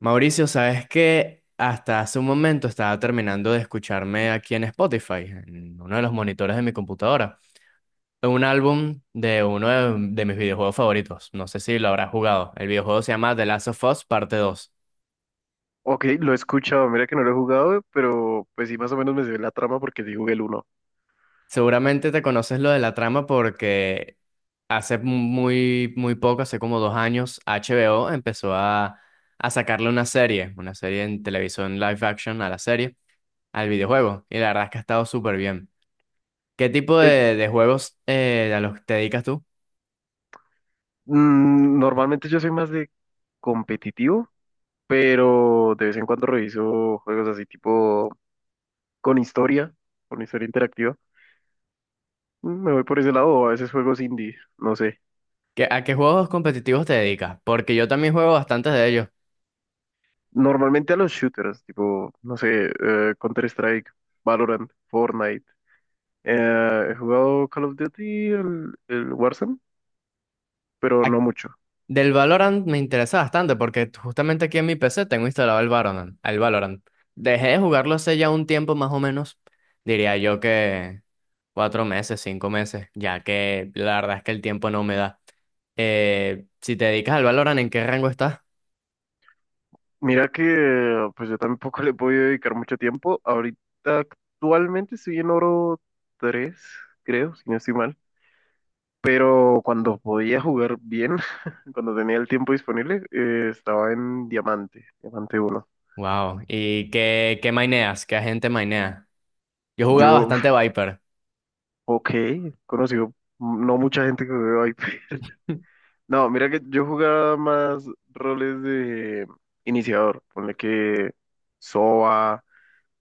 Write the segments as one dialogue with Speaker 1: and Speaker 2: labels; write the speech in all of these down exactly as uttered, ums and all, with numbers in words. Speaker 1: Mauricio, sabes que hasta hace un momento estaba terminando de escucharme aquí en Spotify, en uno de los monitores de mi computadora, un álbum de uno de, de mis videojuegos favoritos. No sé si lo habrás jugado. El videojuego se llama The Last of Us Parte dos.
Speaker 2: Ok, lo he escuchado, mira que no lo he jugado, pero pues sí, más o menos me se la trama porque sí jugué el uno.
Speaker 1: Seguramente te conoces lo de la trama porque hace muy, muy poco, hace como dos años, H B O empezó a, a sacarle una serie, una serie en televisión live action a la serie, al videojuego. Y la verdad es que ha estado súper bien. ¿Qué tipo
Speaker 2: Es-
Speaker 1: de, de juegos eh, a los que te dedicas tú?
Speaker 2: mm, Normalmente yo soy más de competitivo, pero de vez en cuando reviso juegos así tipo con historia, con historia interactiva. Mm, Me voy por ese lado o a veces juegos indie, no sé.
Speaker 1: ¿Qué- a qué juegos competitivos te dedicas? Porque yo también juego bastantes de ellos.
Speaker 2: Normalmente a los shooters, tipo, no sé, eh, Counter-Strike, Valorant, Fortnite. Eh, he jugado Call of Duty, el, el Warzone, pero
Speaker 1: A-
Speaker 2: no mucho.
Speaker 1: Del Valorant me interesa bastante porque justamente aquí en mi P C tengo instalado el Valorant, el Valorant. Dejé de jugarlo hace ya un tiempo más o menos, diría yo que cuatro meses, cinco meses, ya que la verdad es que el tiempo no me da. Eh, si te dedicas al Valorant, ¿en qué rango estás?
Speaker 2: Mira que pues yo tampoco le he podido dedicar mucho tiempo. Ahorita actualmente estoy en oro tres creo, si no estoy mal. Pero cuando podía jugar bien, cuando tenía el tiempo disponible, eh, estaba en diamante, diamante uno.
Speaker 1: Wow. ¿Y qué, qué maineas? ¿Qué agente mainea? Yo jugaba
Speaker 2: Yo,
Speaker 1: bastante Viper.
Speaker 2: ok, conocido no mucha gente que veo ahí. No, mira que yo jugaba más roles de iniciador. Ponle que Soba,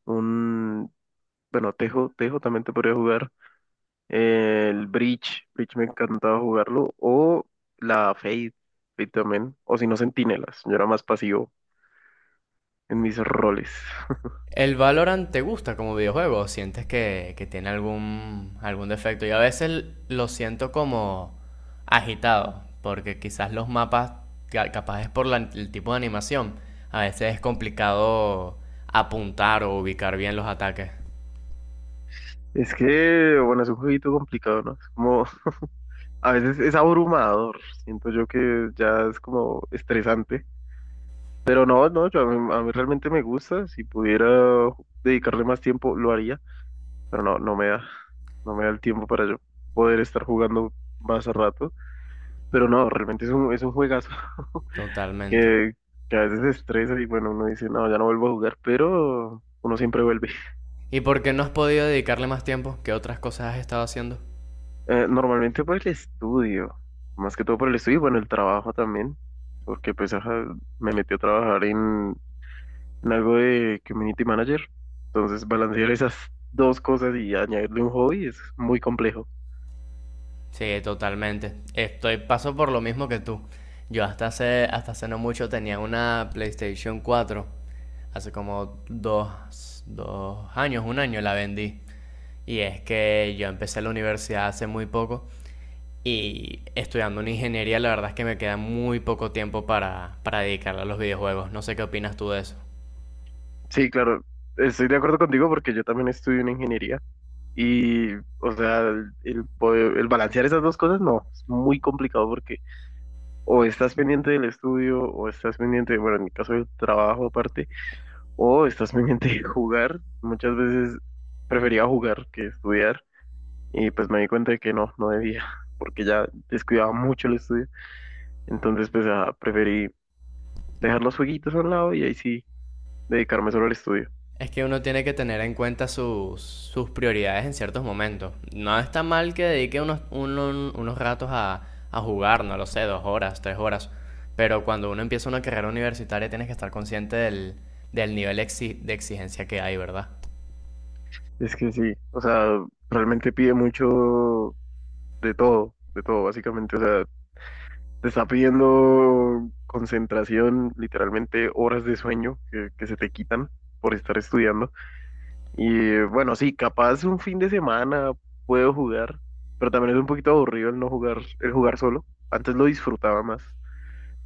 Speaker 2: un, bueno, Tejo, Tejo también te podría jugar. El Breach, Breach me encantaba jugarlo. O la Fade, Fade también. O si no, Centinelas. Yo era más pasivo en mis roles.
Speaker 1: ¿El Valorant te gusta como videojuego? ¿Sientes que, que tiene algún, algún defecto? Yo a veces lo siento como agitado, porque quizás los mapas, ca- capaz es por la- el tipo de animación, a veces es complicado apuntar o ubicar bien los ataques.
Speaker 2: Es que, bueno, es un jueguito complicado, ¿no? Es como, a veces es abrumador. Siento yo que ya es como estresante. Pero no, no, yo, a mí, a mí realmente me gusta. Si pudiera dedicarle más tiempo, lo haría, pero no, no me da, no me da el tiempo para yo poder estar jugando más a rato. Pero no, realmente es un, es un juegazo
Speaker 1: Totalmente.
Speaker 2: que, que a veces se estresa y bueno, uno dice, no, ya no vuelvo a jugar, pero uno siempre vuelve.
Speaker 1: ¿Y por qué no has podido dedicarle más tiempo? ¿Qué otras cosas has estado haciendo?
Speaker 2: Eh, normalmente por el estudio, más que todo por el estudio y bueno, el trabajo también, porque pues ajá, me metí a trabajar en, en algo de community manager, entonces balancear esas dos cosas y añadirle un hobby es muy complejo.
Speaker 1: Sí, totalmente. Estoy paso por lo mismo que tú. Yo hasta hace, hasta hace no mucho tenía una PlayStation cuatro. Hace como dos, dos años, un año la vendí. Y es que yo empecé la universidad hace muy poco y estudiando una ingeniería la verdad es que me queda muy poco tiempo para, para dedicarle a los videojuegos. No sé qué opinas tú de eso.
Speaker 2: Sí, claro, estoy de acuerdo contigo porque yo también estudio en ingeniería. Y, o sea, el, el poder- el balancear esas dos cosas no, es muy complicado porque o estás pendiente del estudio, o estás pendiente, bueno, en mi caso del trabajo aparte, o estás pendiente de jugar. Muchas veces prefería jugar que estudiar y pues me di cuenta de que no, no debía, porque ya descuidaba mucho el estudio. Entonces, pues, ah, preferí dejar los jueguitos a un lado y ahí sí dedicarme solo al estudio.
Speaker 1: Es que uno tiene que tener en cuenta sus, sus prioridades en ciertos momentos. No está mal que dedique unos, uno- unos ratos a, a jugar, no lo sé, dos horas, tres horas. Pero cuando uno empieza una carrera universitaria tienes que estar consciente del, del nivel exi- de exigencia que hay, ¿verdad?
Speaker 2: Es que sí, o sea, realmente pide mucho de todo, de todo, básicamente, o sea, te está pidiendo concentración, literalmente horas de sueño que, que se te quitan por estar estudiando. Y bueno, sí, capaz un fin de semana puedo jugar, pero también es un poquito aburrido el no jugar, el jugar solo. Antes lo disfrutaba más,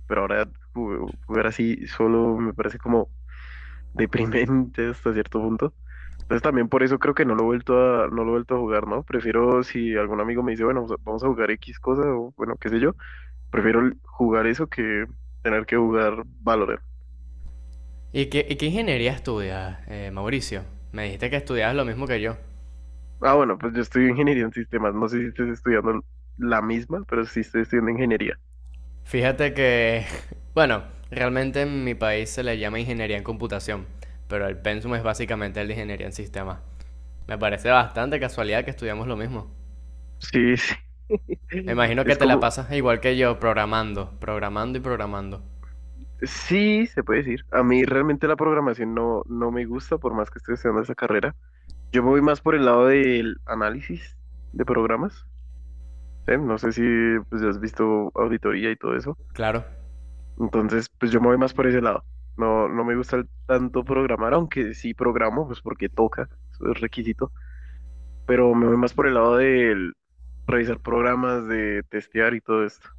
Speaker 2: pero ahora ju- jugar así solo me parece como deprimente hasta cierto punto. Entonces también por eso creo que no lo he vuelto a, no lo he vuelto a jugar, ¿no? Prefiero si algún amigo me dice, bueno, vamos a vamos a jugar X cosa o bueno, qué sé yo. Prefiero l- jugar eso que tener que jugar Valorant.
Speaker 1: ¿Y qué, y qué ingeniería estudias, eh, Mauricio? Me dijiste que estudiabas lo mismo que yo.
Speaker 2: Ah, bueno, pues yo estudio ingeniería en sistemas. No sé si estés estudiando la misma, pero sí estoy estudiando ingeniería.
Speaker 1: Fíjate que, bueno, realmente en mi país se le llama ingeniería en computación, pero el pensum es básicamente el de ingeniería en sistemas. Me parece bastante casualidad que estudiamos lo mismo.
Speaker 2: Sí, sí.
Speaker 1: Me imagino que
Speaker 2: Es
Speaker 1: te la
Speaker 2: como,
Speaker 1: pasas igual que yo, programando, programando y programando.
Speaker 2: sí, se puede decir. A mí realmente la programación no, no me gusta, por más que estoy estudiando esa carrera. Yo me voy más por el lado del análisis de programas. ¿Sí? No sé si pues, has visto auditoría y todo eso.
Speaker 1: Claro.
Speaker 2: Entonces, pues yo me voy más por ese lado. No, no me gusta el- tanto programar, aunque sí programo, pues porque toca, eso es requisito, pero me voy más por el lado de revisar programas, de testear y todo esto.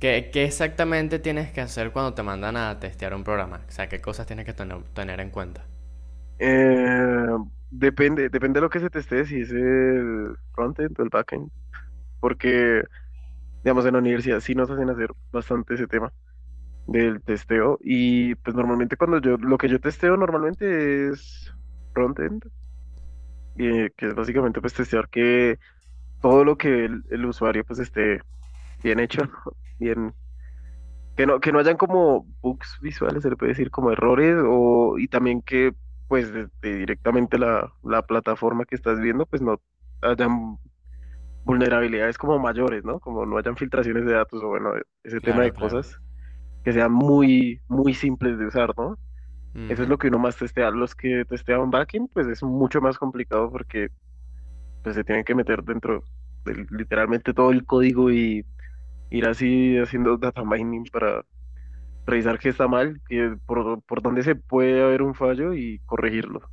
Speaker 1: ¿Qué, qué exactamente tienes que hacer cuando te mandan a testear un programa? O sea, ¿qué cosas tienes que tener, tener en cuenta?
Speaker 2: Eh, Depende, depende de lo que se testee, si es el frontend o el backend, porque, digamos, en la universidad sí nos hacen hacer bastante ese tema del testeo y pues normalmente cuando yo, lo que yo testeo normalmente es frontend, eh, que es básicamente pues testear que todo lo que el, el usuario pues esté bien hecho, ¿no? Bien, que no, que no hayan como bugs visuales, se le puede decir como errores, o, y también que pues de- directamente la, la plataforma que estás viendo pues no hayan vulnerabilidades como mayores, ¿no? Como no hayan filtraciones de datos o bueno, ese tema de
Speaker 1: Claro, claro.
Speaker 2: cosas que sean muy, muy simples de usar, ¿no? Eso es
Speaker 1: Ujú.
Speaker 2: lo que uno más testea. Los que testean backend, pues es mucho más complicado porque pues se tienen que meter dentro de literalmente todo el código, ir así haciendo data mining para revisar qué está mal, qué- por, por dónde se puede haber un fallo y corregirlo.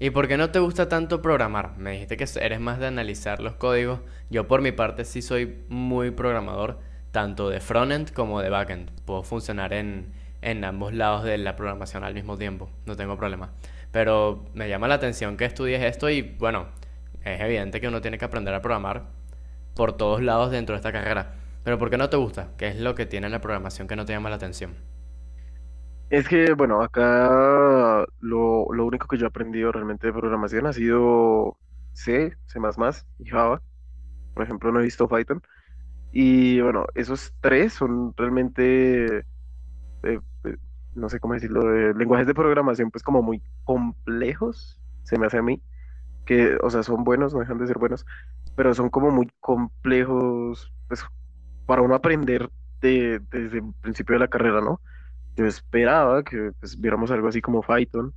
Speaker 1: ¿Y por qué no te gusta tanto programar? Me dijiste que eres más de analizar los códigos. Yo por mi parte sí soy muy programador, tanto de frontend como de backend. Puedo funcionar en, en ambos lados de la programación al mismo tiempo, no tengo problema. Pero me llama la atención que estudies esto y bueno, es evidente que uno tiene que aprender a programar por todos lados dentro de esta carrera. Pero ¿por qué no te gusta? ¿Qué es lo que tiene la programación que no te llama la atención?
Speaker 2: Es que, bueno, acá lo, lo único que yo he aprendido realmente de programación ha sido C, C++ y Java. Por ejemplo, no he visto Python. Y bueno, esos tres son realmente, eh, eh, no sé cómo decirlo, de lenguajes de programación pues como muy complejos, se me hace a mí. Que, o sea, son buenos, no dejan de ser buenos, pero son como muy complejos, pues, para uno aprender de- desde el principio de la carrera, ¿no? Yo esperaba que pues, viéramos algo así como Python,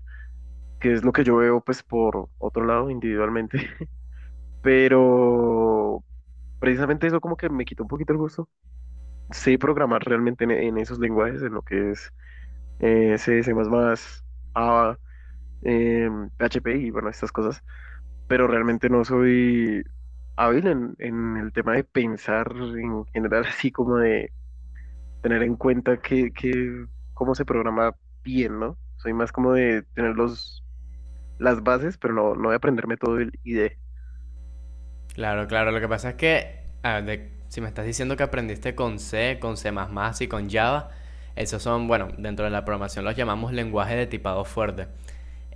Speaker 2: que es lo que yo veo, pues, por otro lado, individualmente, pero precisamente eso como que me quitó un poquito el gusto. Sé programar realmente en, en esos lenguajes, en lo que es eh, C, C++, Java, em, P H P y, bueno, estas cosas, pero realmente no soy hábil en, en el tema de pensar en general, así como de tener en cuenta que, que cómo se programa bien, ¿no? Soy más como de tener los, las bases, pero no, no de aprenderme todo el I D E.
Speaker 1: Claro, claro. Lo que pasa es que, a ver, de- si me estás diciendo que aprendiste con C, con C++ y con Java, esos son, bueno, dentro de la programación los llamamos lenguaje de tipado fuerte.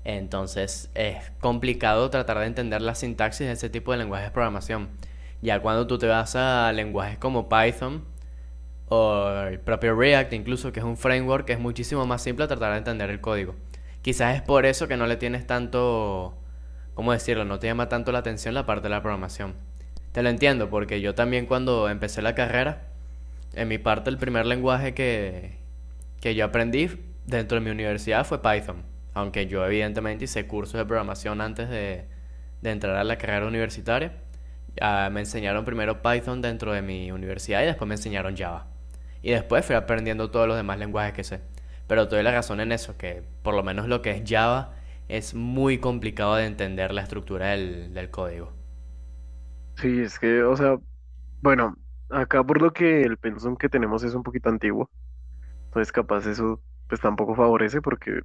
Speaker 1: Entonces es complicado tratar de entender la sintaxis de ese tipo de lenguajes de programación. Ya cuando tú te vas a lenguajes como Python, o el propio React incluso, que es un framework que es muchísimo más simple tratar de entender el código. Quizás es por eso que no le tienes tanto, ¿cómo decirlo? No te llama tanto la atención la parte de la programación. Te lo entiendo, porque yo también cuando empecé la carrera, en mi parte, el primer lenguaje que, que yo aprendí dentro de mi universidad fue Python. Aunque yo, evidentemente, hice cursos de programación antes de, de entrar a la carrera universitaria. Ah, me enseñaron primero Python dentro de mi universidad y después me enseñaron Java. Y después fui aprendiendo todos los demás lenguajes que sé. Pero te doy la razón en eso, que por lo menos lo que es Java es muy complicado de entender la estructura del, del código.
Speaker 2: Sí, es que, o sea, bueno, acá por lo que el pensum que tenemos es un poquito antiguo, entonces capaz eso pues tampoco favorece porque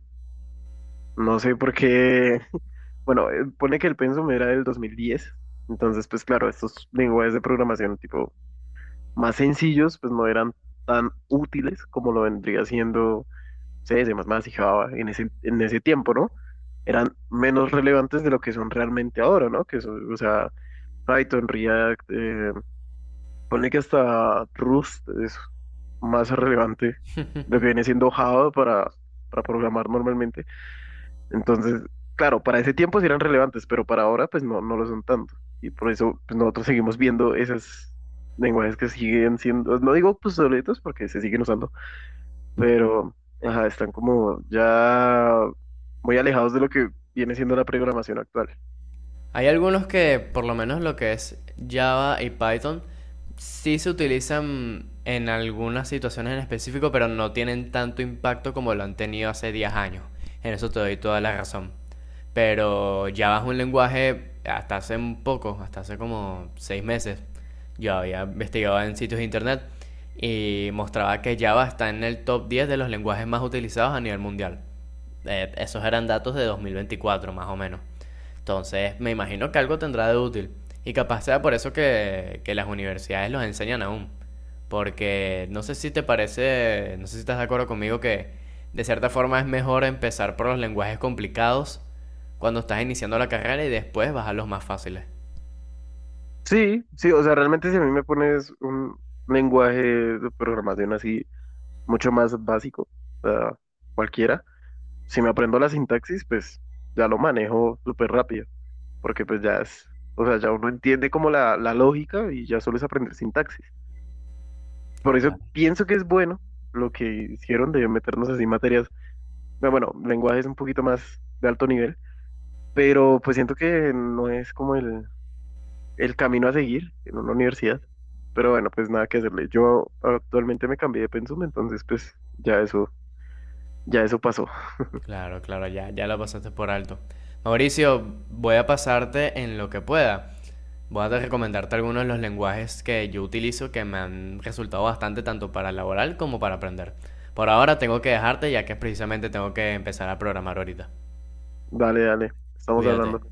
Speaker 2: no sé por qué, bueno, eh, pone que el pensum era del dos mil diez, entonces pues claro, estos lenguajes de programación tipo más sencillos, pues no eran tan útiles como lo vendría siendo C, S, más y Java en ese, en ese tiempo, ¿no? Eran menos relevantes de lo que son realmente ahora, ¿no? Que eso, o sea, Python, React, eh, ponle que hasta Rust es más relevante de lo que viene siendo Java para, para programar normalmente. Entonces, claro, para ese tiempo sí eran relevantes, pero para ahora pues no, no lo son tanto. Y por eso pues nosotros seguimos viendo esos lenguajes que siguen siendo, no digo pues obsoletos porque se siguen usando, pero ajá, están como ya muy alejados de lo que viene siendo la programación actual.
Speaker 1: Hay algunos que, por lo menos lo que es Java y Python, sí se utilizan en algunas situaciones en específico, pero no tienen tanto impacto como lo han tenido hace diez años. En eso te doy toda la razón. Pero Java es un lenguaje hasta hace un poco, hasta hace como seis meses. Yo había investigado en sitios de internet y mostraba que Java está en el top diez de los lenguajes más utilizados a nivel mundial. Eh, esos eran datos de dos mil veinticuatro, más o menos. Entonces, me imagino que algo tendrá de útil. Y capaz sea por eso que, que las universidades los enseñan aún. Porque no sé si te parece, no sé si estás de acuerdo conmigo que de cierta forma es mejor empezar por los lenguajes complicados cuando estás iniciando la carrera y después bajar los más fáciles.
Speaker 2: Sí, sí, o sea, realmente si a mí me pones un lenguaje de programación así mucho más básico, o sea, cualquiera, si me aprendo la sintaxis, pues ya lo manejo súper rápido. Porque pues ya es, o sea, ya uno entiende como la, la lógica y ya solo es aprender sintaxis. Por eso pienso que es bueno lo que hicieron de meternos así materias, no, bueno, lenguajes un poquito más de alto nivel, pero pues siento que no es como el, el camino a seguir en una universidad. Pero bueno, pues nada que hacerle. Yo actualmente me cambié de pensum, entonces pues ya eso, ya eso pasó.
Speaker 1: Claro, claro, ya, ya lo pasaste por alto. Mauricio, voy a pasarte en lo que pueda. Voy a recomendarte algunos de los lenguajes que yo utilizo que me han resultado bastante tanto para laboral como para aprender. Por ahora tengo que dejarte ya que precisamente tengo que empezar a programar ahorita.
Speaker 2: Dale, dale, estamos
Speaker 1: Cuídate.
Speaker 2: hablando.